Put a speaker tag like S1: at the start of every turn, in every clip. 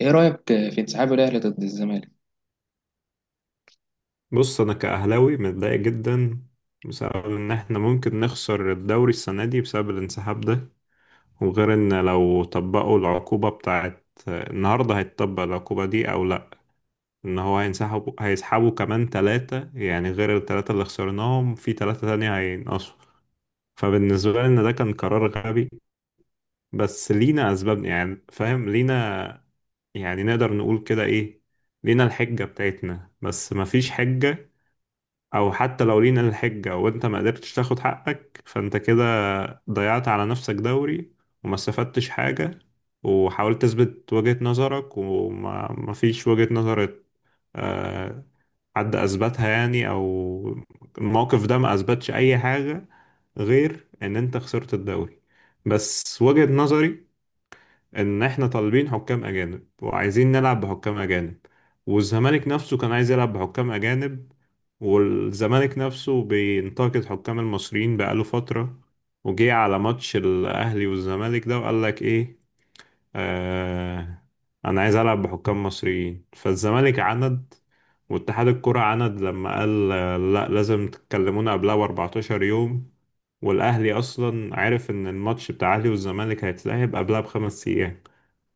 S1: ايه رأيك في انسحاب الاهلي ضد الزمالك؟
S2: بص، انا كاهلاوي متضايق جدا بسبب ان احنا ممكن نخسر الدوري السنه دي بسبب الانسحاب ده. وغير ان لو طبقوا العقوبه بتاعت النهارده هيتطبق العقوبه دي او لا، ان هو هينسحبوا هيسحبوا كمان ثلاثه، يعني غير الثلاثه اللي خسرناهم في ثلاثه تانية هينقصوا. فبالنسبه لي ان ده كان قرار غبي، بس لينا اسباب، يعني فاهم لينا، يعني نقدر نقول كده ايه. لينا الحجه بتاعتنا بس مفيش حجه. او حتى لو لينا الحجة وانت ما قدرتش تاخد حقك، فانت كده ضيعت على نفسك دوري، وما استفدتش حاجة، وحاولت تثبت وجهة نظرك وما ما فيش وجهة نظر. آه، حد اثبتها يعني؟ او الموقف ده ما اثبتش اي حاجة غير ان انت خسرت الدوري. بس وجهة نظري ان احنا طالبين حكام اجانب وعايزين نلعب بحكام اجانب، والزمالك نفسه كان عايز يلعب بحكام اجانب، والزمالك نفسه بينتقد حكام المصريين بقاله فترة. وجه على ماتش الاهلي والزمالك ده وقال لك ايه؟ آه انا عايز العب بحكام مصريين. فالزمالك عند واتحاد الكرة عند، لما قال لا، لازم تكلمونا قبلها ب 14 يوم، والاهلي اصلا عارف ان الماتش بتاع الاهلي والزمالك هيتلعب قبلها بخمس ايام.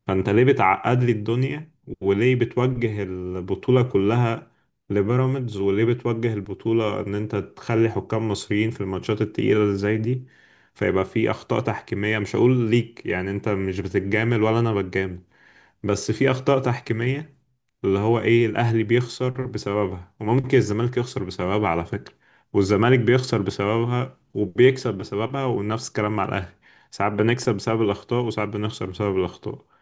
S2: فانت ليه بتعقد لي الدنيا، وليه بتوجه البطولة كلها لبيراميدز، وليه بتوجه البطولة ان انت تخلي حكام مصريين في الماتشات التقيلة اللي زي دي؟ فيبقى في اخطاء تحكيمية، مش هقول ليك يعني انت مش بتتجامل ولا انا بتجامل، بس في اخطاء تحكيمية، اللي هو ايه، الاهلي بيخسر بسببها وممكن الزمالك يخسر بسببها على فكرة، والزمالك بيخسر بسببها وبيكسب بسببها، ونفس الكلام مع الاهلي. ساعات بنكسب بسبب الاخطاء، وساعات بنخسر بسبب الاخطاء.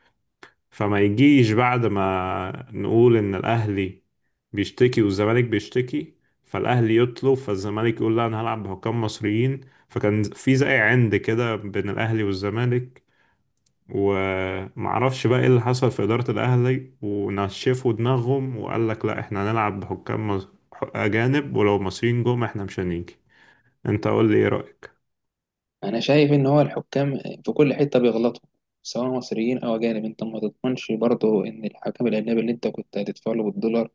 S2: فما يجيش بعد ما نقول ان الاهلي بيشتكي والزمالك بيشتكي، فالاهلي يطلب، فالزمالك يقول لا انا هلعب بحكام مصريين. فكان في زي عند كده بين الاهلي والزمالك. ومعرفش بقى ايه اللي حصل في اداره الاهلي ونشفوا دماغهم وقال لك لا احنا هنلعب بحكام اجانب، ولو مصريين جم احنا مش هنيجي. انت قول لي، ايه رايك؟
S1: انا شايف ان هو الحكام في كل حتة بيغلطوا، سواء مصريين او اجانب. انت ما تضمنش برضه ان الحكم الاجنبي اللي انت كنت هتدفع له بالدولار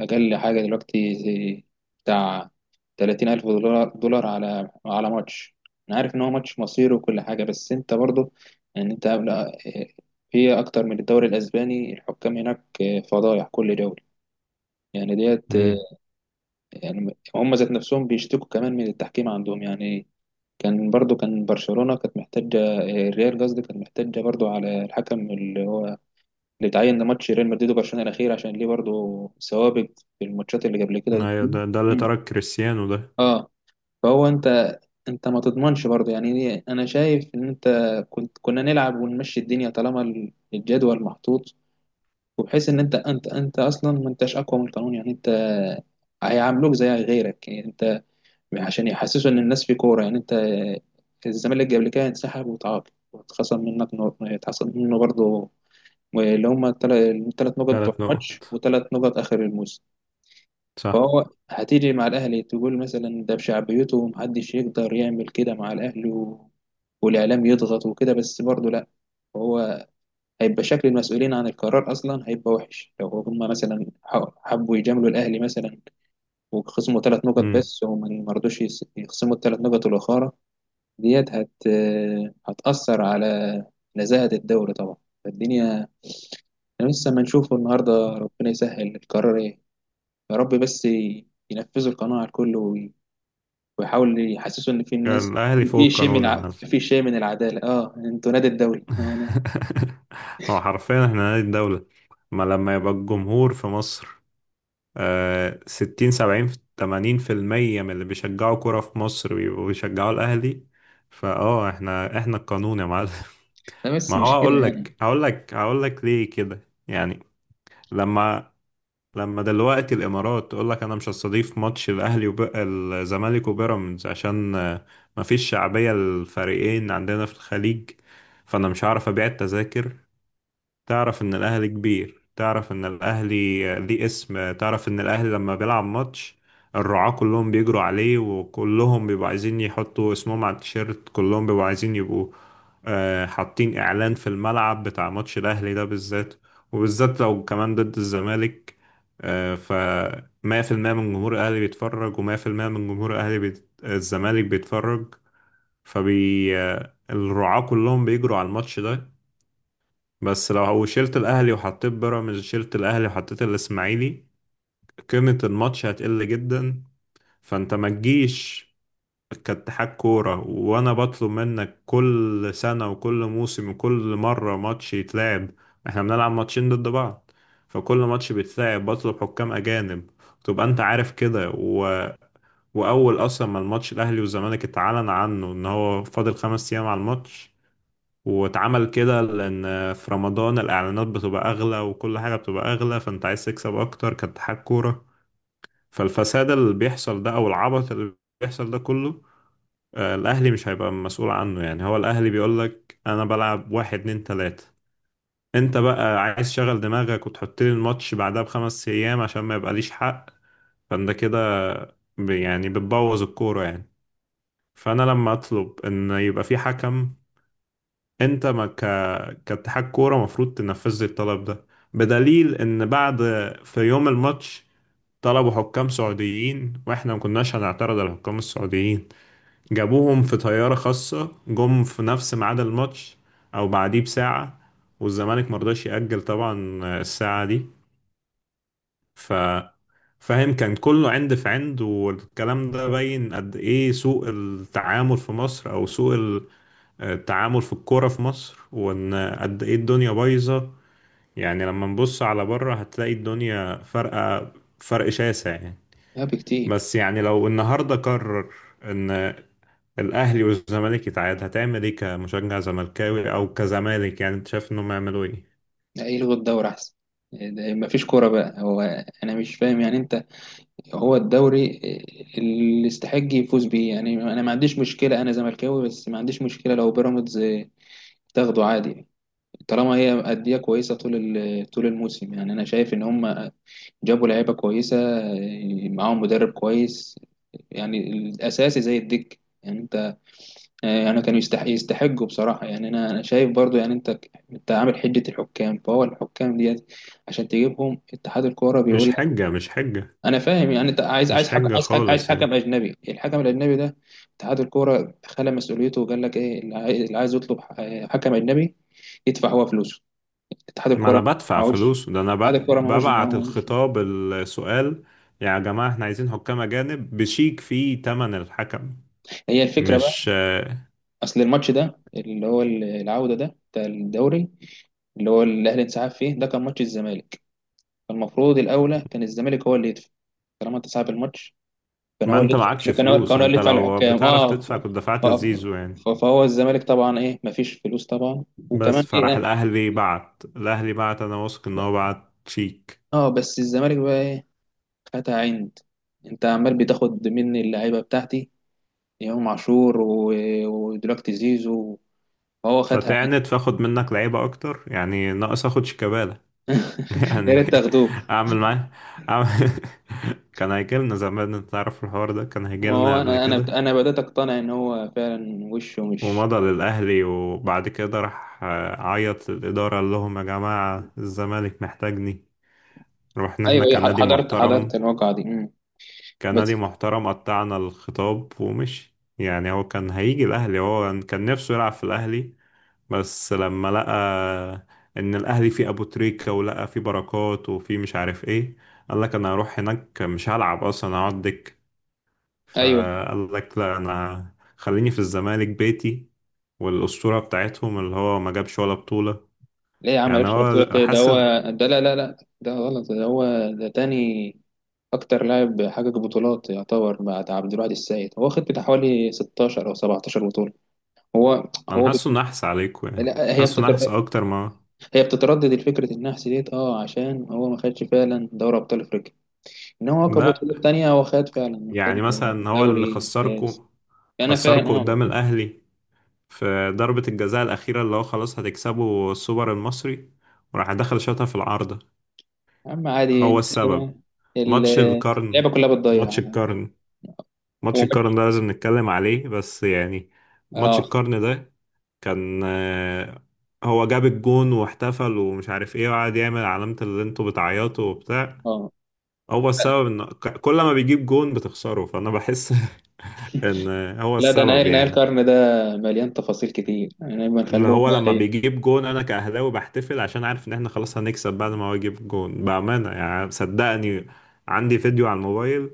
S1: اقل حاجة دلوقتي زي بتاع 30,000 الف دولار على ماتش. انا عارف ان هو ماتش مصيري وكل حاجة، بس انت برضه، يعني انت في اكتر من الدوري الاسباني الحكام هناك فضايح كل دوري يعني ديت.
S2: امم
S1: يعني هم ذات نفسهم بيشتكوا كمان من التحكيم عندهم يعني. كان برشلونة كانت محتاجة، الريال قصدي، كانت محتاجة برضو على الحكم اللي هو اللي اتعين لماتش ريال مدريد وبرشلونة الأخير، عشان ليه برضو سوابق في الماتشات اللي قبل كده.
S2: ايوه، ده اللي
S1: مم.
S2: ترك كريستيانو ده.
S1: اه، فهو انت ما تضمنش برضه. يعني انا شايف ان انت كنا نلعب ونمشي الدنيا، طالما الجدول محطوط. وبحيث ان انت اصلا ما انتش اقوى من القانون، يعني انت هيعاملوك زي غيرك يعني، عشان يحسسوا ان الناس في كوره. يعني انت الزمالك قبل كده انسحب وتعاقب، واتخصم منك نقط، اتخصم منه برضه اللي هم الثلاث نقط بتوع
S2: ثلاث
S1: الماتش
S2: نقط
S1: وثلاث نقط اخر الموسم.
S2: صح.
S1: فهو هتيجي مع الاهلي تقول مثلا ده بشعبيته ومحدش يقدر يعمل كده مع الاهلي، والاعلام يضغط وكده، بس برضه لا. هو هيبقى شكل المسؤولين عن القرار اصلا هيبقى وحش، لو هم مثلا حبوا يجاملوا الاهلي مثلا، وخصموا ثلاث نقط
S2: مم.
S1: بس، وما ما رضوش يخصموا الثلاث نقط الاخرى. ديت هتأثر على نزاهة الدوري طبعا. فالدنيا احنا لسه ما نشوفه النهارده، ربنا يسهل القرار ايه، يا رب. بس ينفذوا القناعة على الكل، ويحاول يحسسوا ان في الناس
S2: الأهلي فوق القانون يا معلم.
S1: في شيء من العدالة. اه، انتوا نادي الدوري.
S2: هو حرفيا احنا نادي الدولة. ما لما يبقى الجمهور في مصر، ستين سبعين تمانين في المية من اللي بيشجعوا كرة في مصر بيبقوا بيشجعوا الأهلي. احنا القانون يا معلم.
S1: لا بس
S2: ما هو
S1: مش كده
S2: هقول
S1: يعني.
S2: لك هقول لك هقول لك ليه كده يعني. لما لما دلوقتي الامارات تقول لك انا مش هستضيف ماتش الاهلي الزمالك وبيراميدز عشان مفيش شعبيه للفريقين عندنا في الخليج، فانا مش هعرف ابيع التذاكر. تعرف ان الاهلي كبير، تعرف ان الاهلي ليه اسم، تعرف ان الاهلي لما بيلعب ماتش الرعاة كلهم بيجروا عليه، وكلهم بيبقوا عايزين يحطوا اسمهم على التيشيرت، كلهم بيبقوا عايزين يبقوا حاطين اعلان في الملعب بتاع ماتش الاهلي ده بالذات، وبالذات لو كمان ضد الزمالك. ف 100% من جمهور الاهلي بيتفرج، و100% من جمهور اهلي الزمالك بيتفرج. فبي آه، الرعاة كلهم بيجروا على الماتش ده. بس لو هو شلت الاهلي وحطيت بيراميدز، شلت الاهلي وحطيت الاسماعيلي، قيمة الماتش هتقل جدا. فانت ما تجيش كاتحاد كورة وانا بطلب منك كل سنة وكل موسم وكل مرة ماتش يتلعب، احنا بنلعب ماتشين ضد بعض، فكل ماتش بيتلعب بطلب حكام اجانب، تبقى انت عارف كده. واول اصلا ما الماتش الاهلي والزمالك اتعلن عنه ان هو فاضل 5 ايام على الماتش، واتعمل كده لأن في رمضان الإعلانات بتبقى أغلى وكل حاجة بتبقى أغلى، فأنت عايز تكسب أكتر كاتحاد كورة. فالفساد اللي بيحصل ده أو العبط اللي بيحصل ده كله، الأهلي مش هيبقى مسؤول عنه. يعني هو الأهلي بيقولك أنا بلعب واحد اتنين تلاتة، أنت بقى عايز تشغل دماغك وتحط لي الماتش بعدها بخمس أيام عشان ما يبقاليش حق، فأنت كده يعني بتبوظ الكورة يعني. فأنا لما أطلب إن يبقى في حكم، انت ما ك... كاتحاد كوره المفروض تنفذ لي الطلب ده. بدليل ان بعد في يوم الماتش طلبوا حكام سعوديين، واحنا ما كناش هنعترض على الحكام السعوديين، جابوهم في طياره خاصه، جم في نفس ميعاد الماتش او بعديه بساعه، والزمالك مرضاش يأجل طبعا الساعه دي. ف فاهم، كان كله عند في عند، والكلام ده باين قد ايه سوء التعامل في مصر، او سوء التعامل في الكورة في مصر، وإن قد إيه الدنيا بايظة. يعني لما نبص على بره هتلاقي الدنيا فرقة، فرق شاسع يعني.
S1: لا، بكتير.
S2: بس يعني لو النهاردة قرر إن الأهلي والزمالك يتعاد، هتعمل إيه كمشجع زملكاوي أو كزمالك؟ يعني أنت شايف إنهم يعملوا إيه؟
S1: لا، يلغوا الدوري احسن، ما فيش كورة بقى. هو انا مش فاهم، يعني انت هو الدوري اللي يستحق يفوز بيه، يعني انا ما عنديش مشكله، انا زملكاوي بس ما عنديش مشكله لو بيراميدز تاخده عادي، طالما هي أندية كويسة طول طول الموسم. يعني أنا شايف إن هم جابوا لعيبة كويسة، معاهم مدرب كويس، يعني الأساسي زي الدك يعني أنت. يعني كانوا يستحقوا بصراحة، يعني أنا شايف برضو يعني. أنت عامل حجة الحكام، فهو الحكام ديت عشان تجيبهم اتحاد الكورة
S2: مش
S1: بيقول.
S2: حجة، مش حجة.
S1: انا فاهم، يعني انت عايز
S2: مش
S1: عايز حكم
S2: حجة
S1: عايز حكم عايز
S2: خالص
S1: حكم
S2: يعني.
S1: اجنبي. الحكم الاجنبي ده اتحاد الكوره خلى مسؤوليته وقال لك ايه، اللي عايز يطلب حكم اجنبي يدفع هو فلوسه. اتحاد
S2: ما أنا
S1: الكوره
S2: بدفع
S1: معهوش،
S2: فلوس ده، أنا
S1: اتحاد الكوره معهوش
S2: ببعت
S1: معهوش
S2: الخطاب السؤال. يا جماعة إحنا عايزين حكام أجانب بشيك فيه تمن الحكم.
S1: هي الفكره بقى.
S2: مش.
S1: اصل الماتش ده اللي هو العوده ده بتاع الدوري، اللي هو الاهلي انسحب فيه، ده كان ماتش الزمالك. فالمفروض الاولى كان الزمالك هو اللي يدفع، طالما انت صاحب الماتش،
S2: ما انت معكش فلوس،
S1: كان
S2: ما
S1: هو اللي
S2: انت
S1: يدفع
S2: لو
S1: للحكام.
S2: بتعرف
S1: اه،
S2: تدفع كنت
S1: ف-
S2: دفعت الزيزو يعني.
S1: فهو الزمالك طبعا ايه، مفيش فلوس طبعا. وكمان
S2: بس
S1: ايه،
S2: فراح الاهلي بعت، الاهلي بعت، انا واثق ان
S1: لا.
S2: هو بعت شيك.
S1: اه بس الزمالك بقى ايه، خدها عند، انت عمال بتاخد مني اللعيبه بتاعتي، امام عاشور ودلوقتي زيزو، فهو خدها عند.
S2: فتعنت، فاخد منك لعيبه اكتر يعني، ناقص اخد شيكابالا.
S1: يا
S2: يعني
S1: ريت تاخدوه.
S2: اعمل معاه أعمل... كان هيجيلنا زمان، انت تعرف الحوار ده كان
S1: ما
S2: هيجيلنا
S1: هو
S2: قبل
S1: انا
S2: كده.
S1: انا انا بدات اقتنع ان هو فعلا وشه مش.
S2: ومضى للاهلي وبعد كده راح عيط للاداره، قال لهم يا جماعه الزمالك محتاجني، رحنا احنا
S1: ايوه، أيوة،
S2: كنادي
S1: حضرت
S2: محترم،
S1: الواقعه دي. مم.
S2: كندي
S1: بس.
S2: محترم، قطعنا الخطاب ومشي. يعني هو كان هيجي الأهلي، هو كان نفسه يلعب في الأهلي، بس لما لقى إن الأهلي فيه أبو تريكة ولقى فيه بركات وفيه مش عارف إيه، قال لك أنا هروح هناك مش هلعب أصلا هقعد دك،
S1: ايوه.
S2: فقال لك لا أنا خليني في الزمالك بيتي. والأسطورة بتاعتهم اللي هو ما جابش ولا بطولة،
S1: ليه يا عم؟ لعيب
S2: يعني
S1: شرف طويلة
S2: هو
S1: ايه ده هو؟
S2: حاسس.
S1: ده لا، لا، لا، ده غلط، ده هو ده تاني. أكتر لاعب حقق بطولات يعتبر بعد عبد الواحد السيد، هو واخد بتاع حوالي 16 أو 17 بطولة. هو
S2: أنا
S1: هو
S2: حاسه نحس عليكم يعني،
S1: لا،
S2: حاسه نحس أكتر ما.
S1: هي بتتردد الفكرة النحس ديت، اه، عشان هو ما خدش فعلا دوري أبطال أفريقيا، إنما هو
S2: لا.
S1: كبطولات تانية هو خد فعلا، خد
S2: يعني مثلا هو اللي
S1: دوري كاس.
S2: خسركو
S1: أنا فاهم،
S2: خسركو
S1: اه.
S2: قدام الأهلي في ضربة الجزاء الأخيرة، اللي هو خلاص هتكسبوا السوبر المصري وراح دخل شاطها في العارضة.
S1: يا عم عادي،
S2: هو السبب.
S1: ال-
S2: ماتش القرن،
S1: اللعبة كلها
S2: ماتش
S1: بتضيع
S2: القرن، ماتش القرن
S1: وما-
S2: ده لازم نتكلم عليه بس يعني. ماتش
S1: اه،
S2: القرن ده كان هو جاب الجون واحتفل ومش عارف ايه، وقعد يعمل علامة اللي انتوا بتعيطوا وبتاع.
S1: اه.
S2: هو السبب ان كل ما بيجيب جون بتخسروا، فانا بحس ان هو
S1: لا ده
S2: السبب
S1: نهاية
S2: يعني.
S1: القرن، ده مليان تفاصيل كتير، يعني ما
S2: اللي
S1: نخلوهم
S2: هو
S1: بقى
S2: لما
S1: ايه.
S2: بيجيب جون انا كأهلاوي بحتفل، عشان عارف ان احنا خلاص هنكسب بعد ما هو يجيب جون، بأمانة يعني، صدقني عندي فيديو على الموبايل،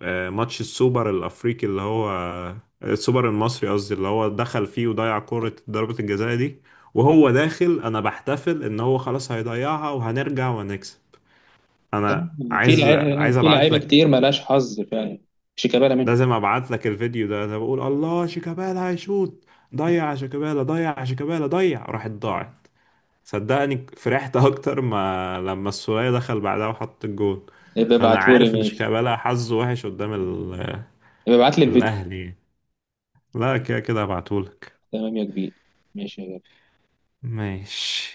S2: ماتش السوبر الافريقي اللي هو، السوبر المصري قصدي، اللي هو دخل فيه وضيع كرة ضربة الجزاء دي، وهو داخل انا بحتفل ان هو خلاص هيضيعها وهنرجع وهنكسب. انا
S1: في
S2: عايز
S1: لعيبة
S2: عايز
S1: في
S2: ابعت
S1: لعيبة
S2: لك،
S1: كتير مالهاش حظ فعلا، شيكابالا منهم.
S2: لازم ابعت لك الفيديو ده. انا بقول الله شيكابالا هيشوط، ضيع يا شيكابالا، ضيع يا شيكابالا ضيع، راحت، ضاعت. صدقني فرحت اكتر ما لما السولية دخل بعدها وحط الجون.
S1: يبقى
S2: فانا
S1: ابعتهولي،
S2: عارف ان
S1: ماشي.
S2: شيكابالا حظه وحش قدام
S1: يبقى ابعتلي الفيديو.
S2: الاهلي يعني. لا، كده كده هبعتهولك.
S1: تمام يا كبير. ماشي يا
S2: ماشي